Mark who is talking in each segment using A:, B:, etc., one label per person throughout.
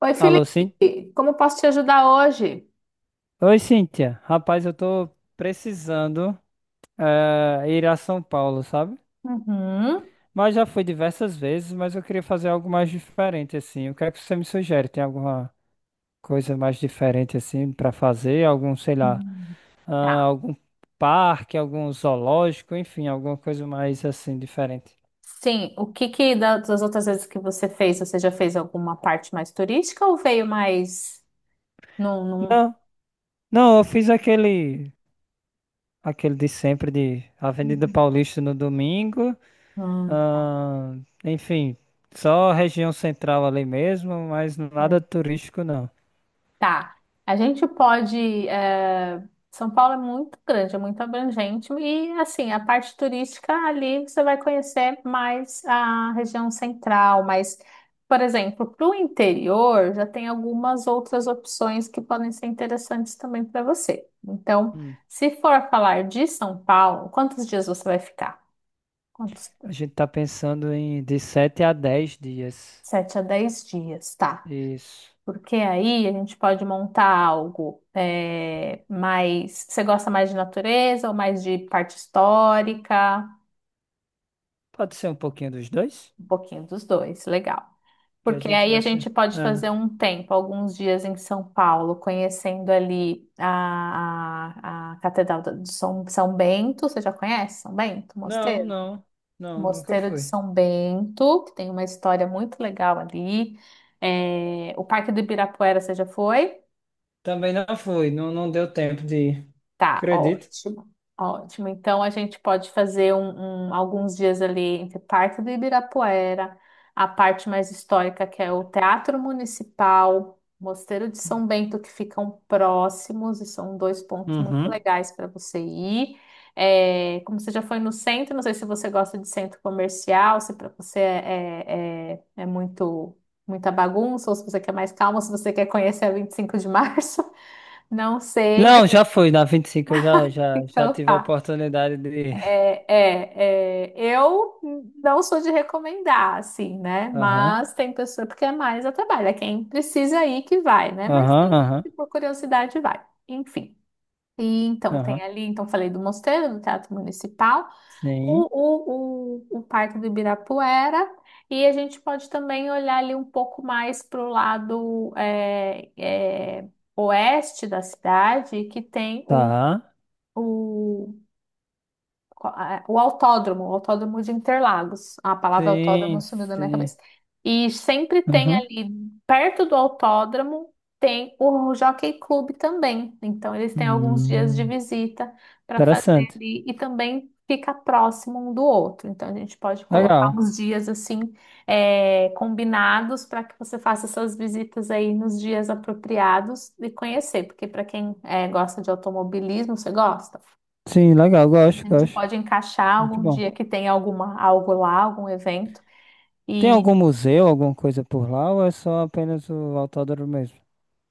A: Oi,
B: Alô, sim?
A: Felipe, como posso te ajudar hoje?
B: Oi, Cíntia. Rapaz, eu tô precisando ir a São Paulo, sabe?
A: Uhum.
B: Mas já fui diversas vezes, mas eu queria fazer algo mais diferente, assim. O que é que você me sugere? Tem alguma coisa mais diferente, assim, pra fazer? Algum, sei lá,
A: Hum. Tá.
B: ah, algum parque, algum zoológico, enfim, alguma coisa mais, assim, diferente.
A: Sim, o que que das outras vezes que você fez, você já fez alguma parte mais turística ou veio mais num,
B: Não, não, eu fiz aquele, aquele de sempre de Avenida
A: Uhum.
B: Paulista no domingo.
A: num-
B: Enfim, só região central ali mesmo, mas nada
A: é,
B: turístico não.
A: Tá. A gente pode. eh, São Paulo é muito grande, é muito abrangente. E, assim, a parte turística ali você vai conhecer mais a região central. Mas, por exemplo, para o interior já tem algumas outras opções que podem ser interessantes também para você. Então,
B: Hum,
A: se for falar de São Paulo, quantos dias você vai ficar? Quantos?
B: a gente tá pensando em de 7 a 10 dias.
A: 7 a 10 dias, tá.
B: Isso.
A: Porque aí a gente pode montar algo mais. Você gosta mais de natureza ou mais de parte histórica?
B: Pode ser um pouquinho dos dois?
A: Um pouquinho dos dois, legal.
B: Que a
A: Porque
B: gente
A: aí a gente
B: gasta.
A: pode fazer
B: Ah,
A: um tempo, alguns dias em São Paulo, conhecendo ali a Catedral de São, São Bento. Você já conhece São Bento,
B: não,
A: Mosteiro?
B: não, não, nunca
A: Mosteiro de
B: fui.
A: São Bento, que tem uma história muito legal ali. O Parque do Ibirapuera, você já foi?
B: Também não fui, não, não deu tempo de ir.
A: Tá,
B: Acredito.
A: ótimo. Ótimo. Então a gente pode fazer alguns dias ali entre parte do Ibirapuera, a parte mais histórica, que é o Teatro Municipal, Mosteiro de São Bento, que ficam próximos, e são dois pontos muito
B: Uhum.
A: legais para você ir. É, como você já foi no centro, não sei se você gosta de centro comercial, se para você é, é, é é muito muita bagunça, ou se você quer mais calma, se você quer conhecer a 25 de Março, não sei, mas
B: Não, já fui na 25, eu já
A: então
B: tive a
A: tá.
B: oportunidade de ir.
A: É, eu não sou de recomendar, assim, né?
B: Aham,
A: Mas tem pessoa, porque é mais a trabalho, é quem precisa ir que vai, né? Mas tem
B: aham,
A: gente
B: aham,
A: que por curiosidade vai, enfim. E então tem
B: aham.
A: ali, então falei do Mosteiro, do Teatro Municipal,
B: Sim,
A: o Parque do Ibirapuera, e a gente pode também olhar ali um pouco mais para o lado oeste da cidade, que tem
B: tá.
A: o o autódromo, o autódromo de Interlagos. A palavra autódromo
B: Sim,
A: sumiu da minha
B: sim.
A: cabeça. E sempre tem
B: Aham.
A: ali, perto do autódromo, tem o Jockey Club também. Então, eles têm alguns dias de
B: Hum,
A: visita para fazer
B: interessante.
A: ali. E também fica próximo um do outro. Então, a gente pode colocar
B: Legal.
A: uns dias assim, combinados para que você faça essas visitas aí nos dias apropriados e conhecer. Porque, para quem é, gosta de automobilismo, você gosta?
B: Sim, legal.
A: A
B: Gosto,
A: gente
B: gosto.
A: pode encaixar
B: Muito
A: algum
B: bom.
A: dia que tem alguma, algo lá, algum evento,
B: Tem
A: e
B: algum museu, alguma coisa por lá ou é só apenas o autódromo mesmo?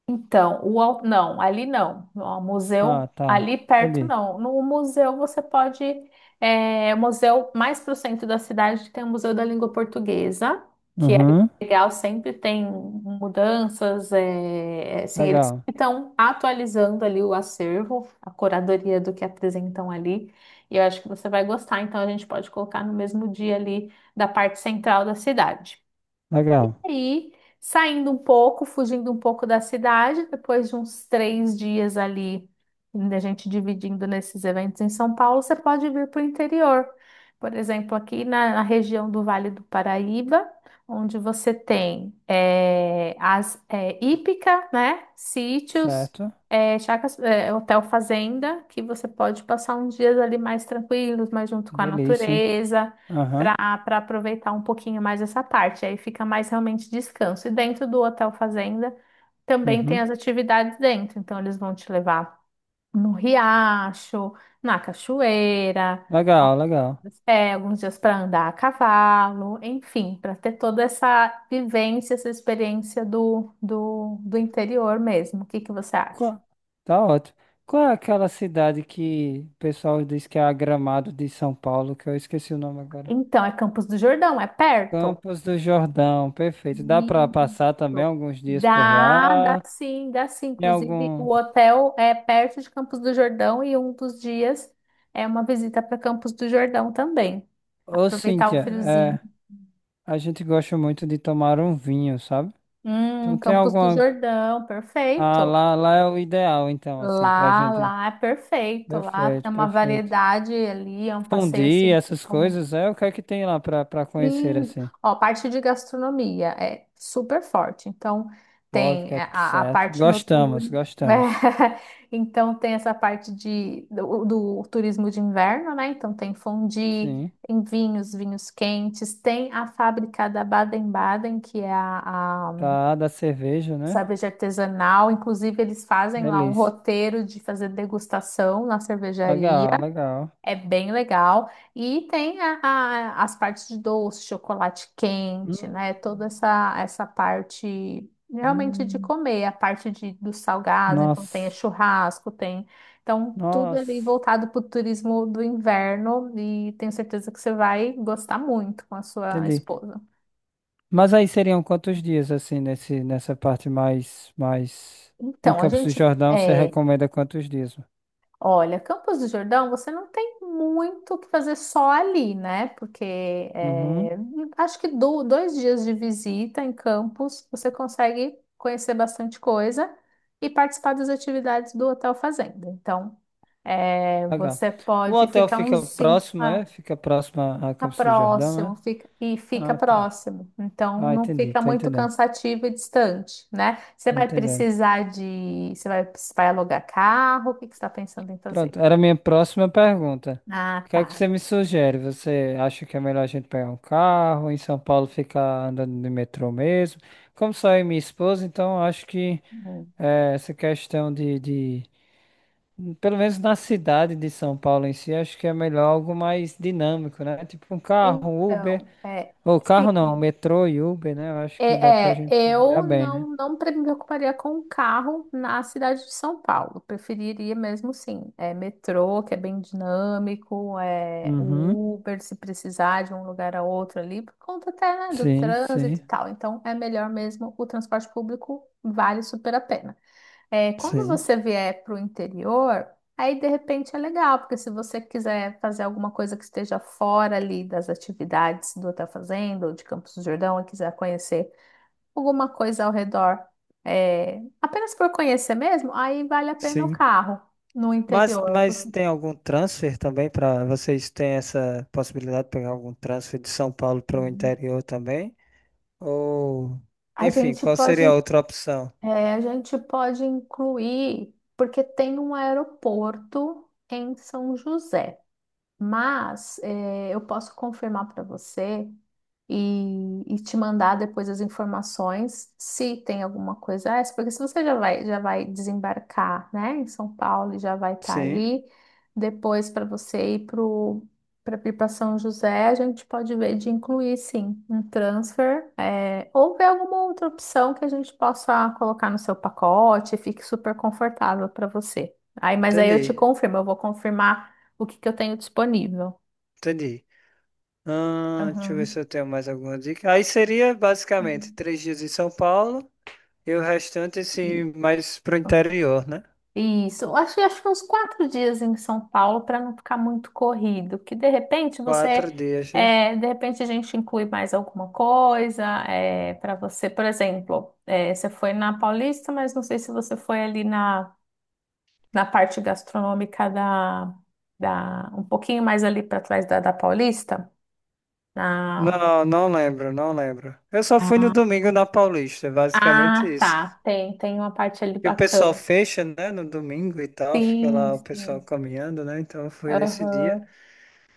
A: então, não, ali não. O museu,
B: Ah, tá.
A: ali perto
B: Entendi.
A: não. No museu você pode. É, museu mais para o centro da cidade tem o Museu da Língua Portuguesa, que é
B: Uhum.
A: legal, sempre tem mudanças. É, é, assim, eles
B: Legal.
A: estão atualizando ali o acervo, a curadoria do que apresentam ali. E eu acho que você vai gostar, então a gente pode colocar no mesmo dia ali da parte central da cidade
B: Legal.
A: aí, saindo um pouco, fugindo um pouco da cidade, depois de uns 3 dias ali, da gente dividindo nesses eventos em São Paulo, você pode vir para o interior. Por exemplo, aqui na região do Vale do Paraíba, onde você tem as hípica, né? Sítios,
B: Certo.
A: chacras, hotel fazenda, que você pode passar uns dias ali mais tranquilos, mais junto com a
B: Delícia, hein?
A: natureza
B: Aham.
A: para aproveitar um pouquinho mais essa parte. Aí fica mais realmente descanso. E dentro do Hotel Fazenda também tem as
B: Uhum.
A: atividades dentro. Então eles vão te levar no riacho, na cachoeira,
B: Legal, legal.
A: alguns alguns dias para andar a cavalo, enfim, para ter toda essa vivência, essa experiência do interior mesmo. O que que você acha?
B: Qual- Tá ótimo. Qual é aquela cidade que o pessoal diz que é a Gramado de São Paulo, que eu esqueci o nome agora?
A: Então, é Campos do Jordão, é perto?
B: Campos do Jordão, perfeito. Dá para passar também
A: Isso.
B: alguns dias por
A: Dá, dá
B: lá.
A: sim, dá sim.
B: Tem
A: Inclusive,
B: algum.
A: o hotel é perto de Campos do Jordão e um dos dias é uma visita para Campos do Jordão também.
B: Ô,
A: Aproveitar o
B: Cíntia,
A: friozinho.
B: é, a gente gosta muito de tomar um vinho, sabe? Então tem
A: Campos do
B: alguma.
A: Jordão,
B: Ah,
A: perfeito.
B: lá, lá é o ideal, então, assim, pra
A: Lá,
B: gente.
A: lá é perfeito. Lá
B: Perfeito,
A: tem uma
B: perfeito.
A: variedade ali, é um passeio
B: Fundir
A: assim.
B: essas coisas, é o que é que tem lá pra conhecer,
A: Sim,
B: assim?
A: ó, a parte de gastronomia é super forte. Então, tem
B: Vodka,
A: a
B: certo.
A: parte
B: Gostamos,
A: noturna, né?
B: gostamos.
A: Então, tem essa parte do turismo de inverno, né? Então, tem fondue,
B: Sim.
A: tem vinhos, vinhos quentes, tem a fábrica da Baden-Baden, que é a
B: Tá, da cerveja, né?
A: cerveja artesanal. Inclusive, eles fazem lá um
B: Delícia.
A: roteiro de fazer degustação na cervejaria.
B: Legal, legal.
A: É bem legal. E tem as partes de doce, chocolate quente,
B: Hum.
A: né? Toda essa parte realmente de
B: Hum.
A: comer, a parte dos salgados, então tem
B: Nossa,
A: churrasco, tem. Então, tudo ali
B: nossa,
A: voltado para o turismo do inverno e tenho certeza que você vai gostar muito com a sua
B: entendi.
A: esposa.
B: Mas aí seriam quantos dias assim nesse nessa parte mais em
A: Então, a
B: Campos do
A: gente,
B: Jordão, você recomenda quantos dias?
A: olha, Campos do Jordão, você não tem muito o que fazer só ali, né? Porque
B: Uhum.
A: é, acho que 2 dias de visita em Campos você consegue conhecer bastante coisa e participar das atividades do Hotel Fazenda. Então,
B: Legal.
A: você
B: O
A: pode
B: hotel
A: ficar
B: fica
A: uns cinco
B: próximo, é? Fica próximo a
A: fica
B: Campos do Jordão, é?
A: próximo e fica
B: Ah, tá.
A: próximo. Então,
B: Ah,
A: não
B: entendi,
A: fica
B: tô
A: muito
B: entendendo.
A: cansativo e distante, né? Você
B: Tô
A: vai
B: entendendo.
A: precisar de, você vai, vai alugar carro? O que que você está pensando em fazer?
B: Pronto, era a minha próxima pergunta.
A: Ah,
B: O que é que
A: tá.
B: você me sugere? Você acha que é melhor a gente pegar um carro em São Paulo ficar andando de metrô mesmo? Como só eu e minha esposa, então acho que
A: Hum.
B: é, essa questão de, pelo menos na cidade de São Paulo em si, acho que é melhor algo mais dinâmico, né? Tipo um carro, um Uber,
A: Então,
B: ou
A: sim,
B: carro não, um metrô e Uber, né? Eu acho que dá pra gente se virar
A: eu
B: bem, né?
A: não me preocuparia com o carro na cidade de São Paulo. Preferiria mesmo, sim, metrô, que é bem dinâmico,
B: Uhum.
A: o Uber, se precisar de um lugar a outro ali, por conta até, né, do
B: Sim,
A: trânsito
B: sim.
A: e tal. Então, é melhor mesmo o transporte público, vale super a pena. É, quando
B: Sim,
A: você vier para o interior, aí de repente é legal, porque se você quiser fazer alguma coisa que esteja fora ali das atividades do Hotel Fazenda ou de Campos do Jordão e quiser conhecer alguma coisa ao redor, apenas por conhecer mesmo, aí vale a pena o
B: sim.
A: carro no interior.
B: Mas
A: Porque
B: tem algum transfer também, para vocês têm essa possibilidade de pegar algum transfer de São Paulo para o
A: Hum.
B: interior também? Ou,
A: A
B: enfim,
A: gente
B: qual
A: pode,
B: seria a outra opção?
A: a gente pode incluir, porque tem um aeroporto em São José, mas eu posso confirmar para você, e te mandar depois as informações se tem alguma coisa essa, porque se você já vai desembarcar, né, em São Paulo e já vai estar
B: Sim,
A: ali, depois para você ir pro para ir para São José, a gente pode ver de incluir sim um transfer, ou ver alguma outra opção que a gente possa colocar no seu pacote e fique super confortável para você. Aí, mas aí eu te
B: entendi,
A: confirmo, eu vou confirmar o que que eu tenho disponível.
B: entendi. Ah, deixa eu ver se
A: Aham.
B: eu tenho mais alguma dica. Aí seria basicamente 3 dias em São Paulo e o restante
A: E-
B: assim mais pro interior, né?
A: isso, acho que uns 4 dias em São Paulo para não ficar muito corrido, que de repente você,
B: 4 dias, né?
A: de repente a gente inclui mais alguma coisa para você, por exemplo, você foi na Paulista, mas não sei se você foi ali na parte gastronômica um pouquinho mais ali para trás da Paulista, na,
B: Não, não lembro, não lembro. Eu só fui no
A: Ah,
B: domingo na Paulista, é basicamente
A: ah,
B: isso.
A: tá. Tem uma parte ali
B: E o pessoal
A: bacana.
B: fecha, né, no domingo e tal, fica
A: Sim,
B: lá o pessoal
A: sim.
B: caminhando, né? Então eu fui nesse dia,
A: Aham.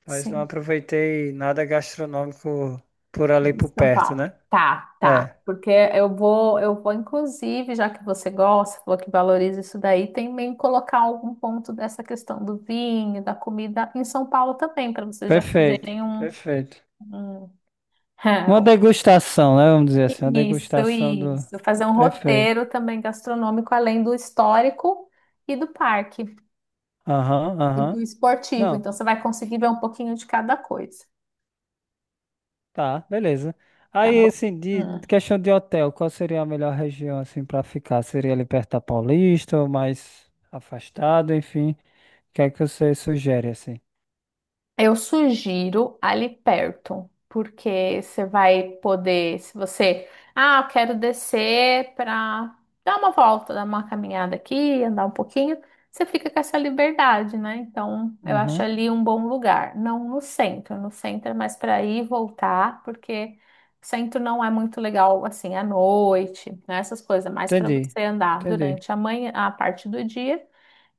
B: mas não
A: Sim.
B: aproveitei nada gastronômico por ali
A: De
B: por
A: São
B: perto,
A: Paulo.
B: né?
A: Tá, tá.
B: É,
A: Porque eu vou, inclusive, já que você gosta, falou que valoriza isso daí, também colocar algum ponto dessa questão do vinho, da comida em São Paulo também, para vocês já
B: perfeito,
A: fazerem
B: perfeito.
A: um-
B: Uma degustação, né? Vamos dizer assim, uma
A: isso,
B: degustação do.
A: isso. Fazer um
B: Perfeito.
A: roteiro também gastronômico, além do histórico e do parque
B: Aham,
A: e
B: aham.
A: do esportivo.
B: Não,
A: Então, você vai conseguir ver um pouquinho de cada coisa,
B: tá, beleza.
A: tá
B: Aí,
A: bom?
B: assim, de questão de hotel, qual seria a melhor região, assim, para ficar? Seria ali perto da Paulista ou mais afastado, enfim? O que é que você sugere, assim?
A: Eu sugiro ali perto, porque você vai poder, se você, ah, eu quero descer para dar uma volta, dar uma caminhada aqui, andar um pouquinho, você fica com essa liberdade, né? Então, eu acho
B: Uhum.
A: ali um bom lugar, não no centro, no centro é mais para ir e voltar, porque o centro não é muito legal assim à noite, né? Essas coisas, é mais para você
B: Entendi,
A: andar
B: entendi,
A: durante a manhã, a parte do dia.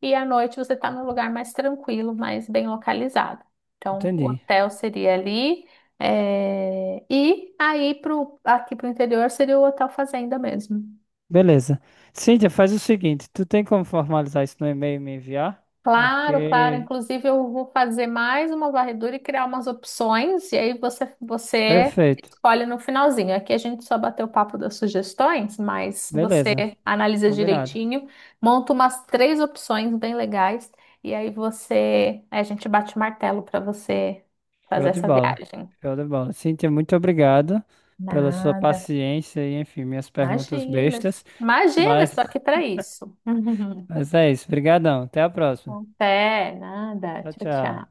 A: E à noite você está num lugar mais tranquilo, mais bem localizado. Então, o
B: entendi.
A: hotel seria ali. E aí, aqui para o interior, seria o Hotel Fazenda mesmo.
B: Beleza. Cíntia, faz o seguinte: tu tem como formalizar isso no e-mail e me enviar?
A: Claro, claro.
B: Porque.
A: Inclusive, eu vou fazer mais uma varredura e criar umas opções, e aí você
B: Perfeito,
A: escolhe no finalzinho. Aqui a gente só bateu o papo das sugestões, mas você
B: beleza,
A: analisa
B: combinado.
A: direitinho, monta umas três opções bem legais, e aí aí a gente bate o martelo para você fazer
B: Show de
A: essa
B: bola.
A: viagem.
B: Show de bola. Cíntia, muito obrigado pela sua
A: Nada.
B: paciência e, enfim, minhas perguntas
A: Imagina.
B: bestas.
A: Imagina,
B: Mas,
A: estou aqui para isso.
B: mas é isso. Obrigadão. Até a próxima.
A: Até, nada.
B: Tchau,
A: Tchau,
B: tchau.
A: tchau.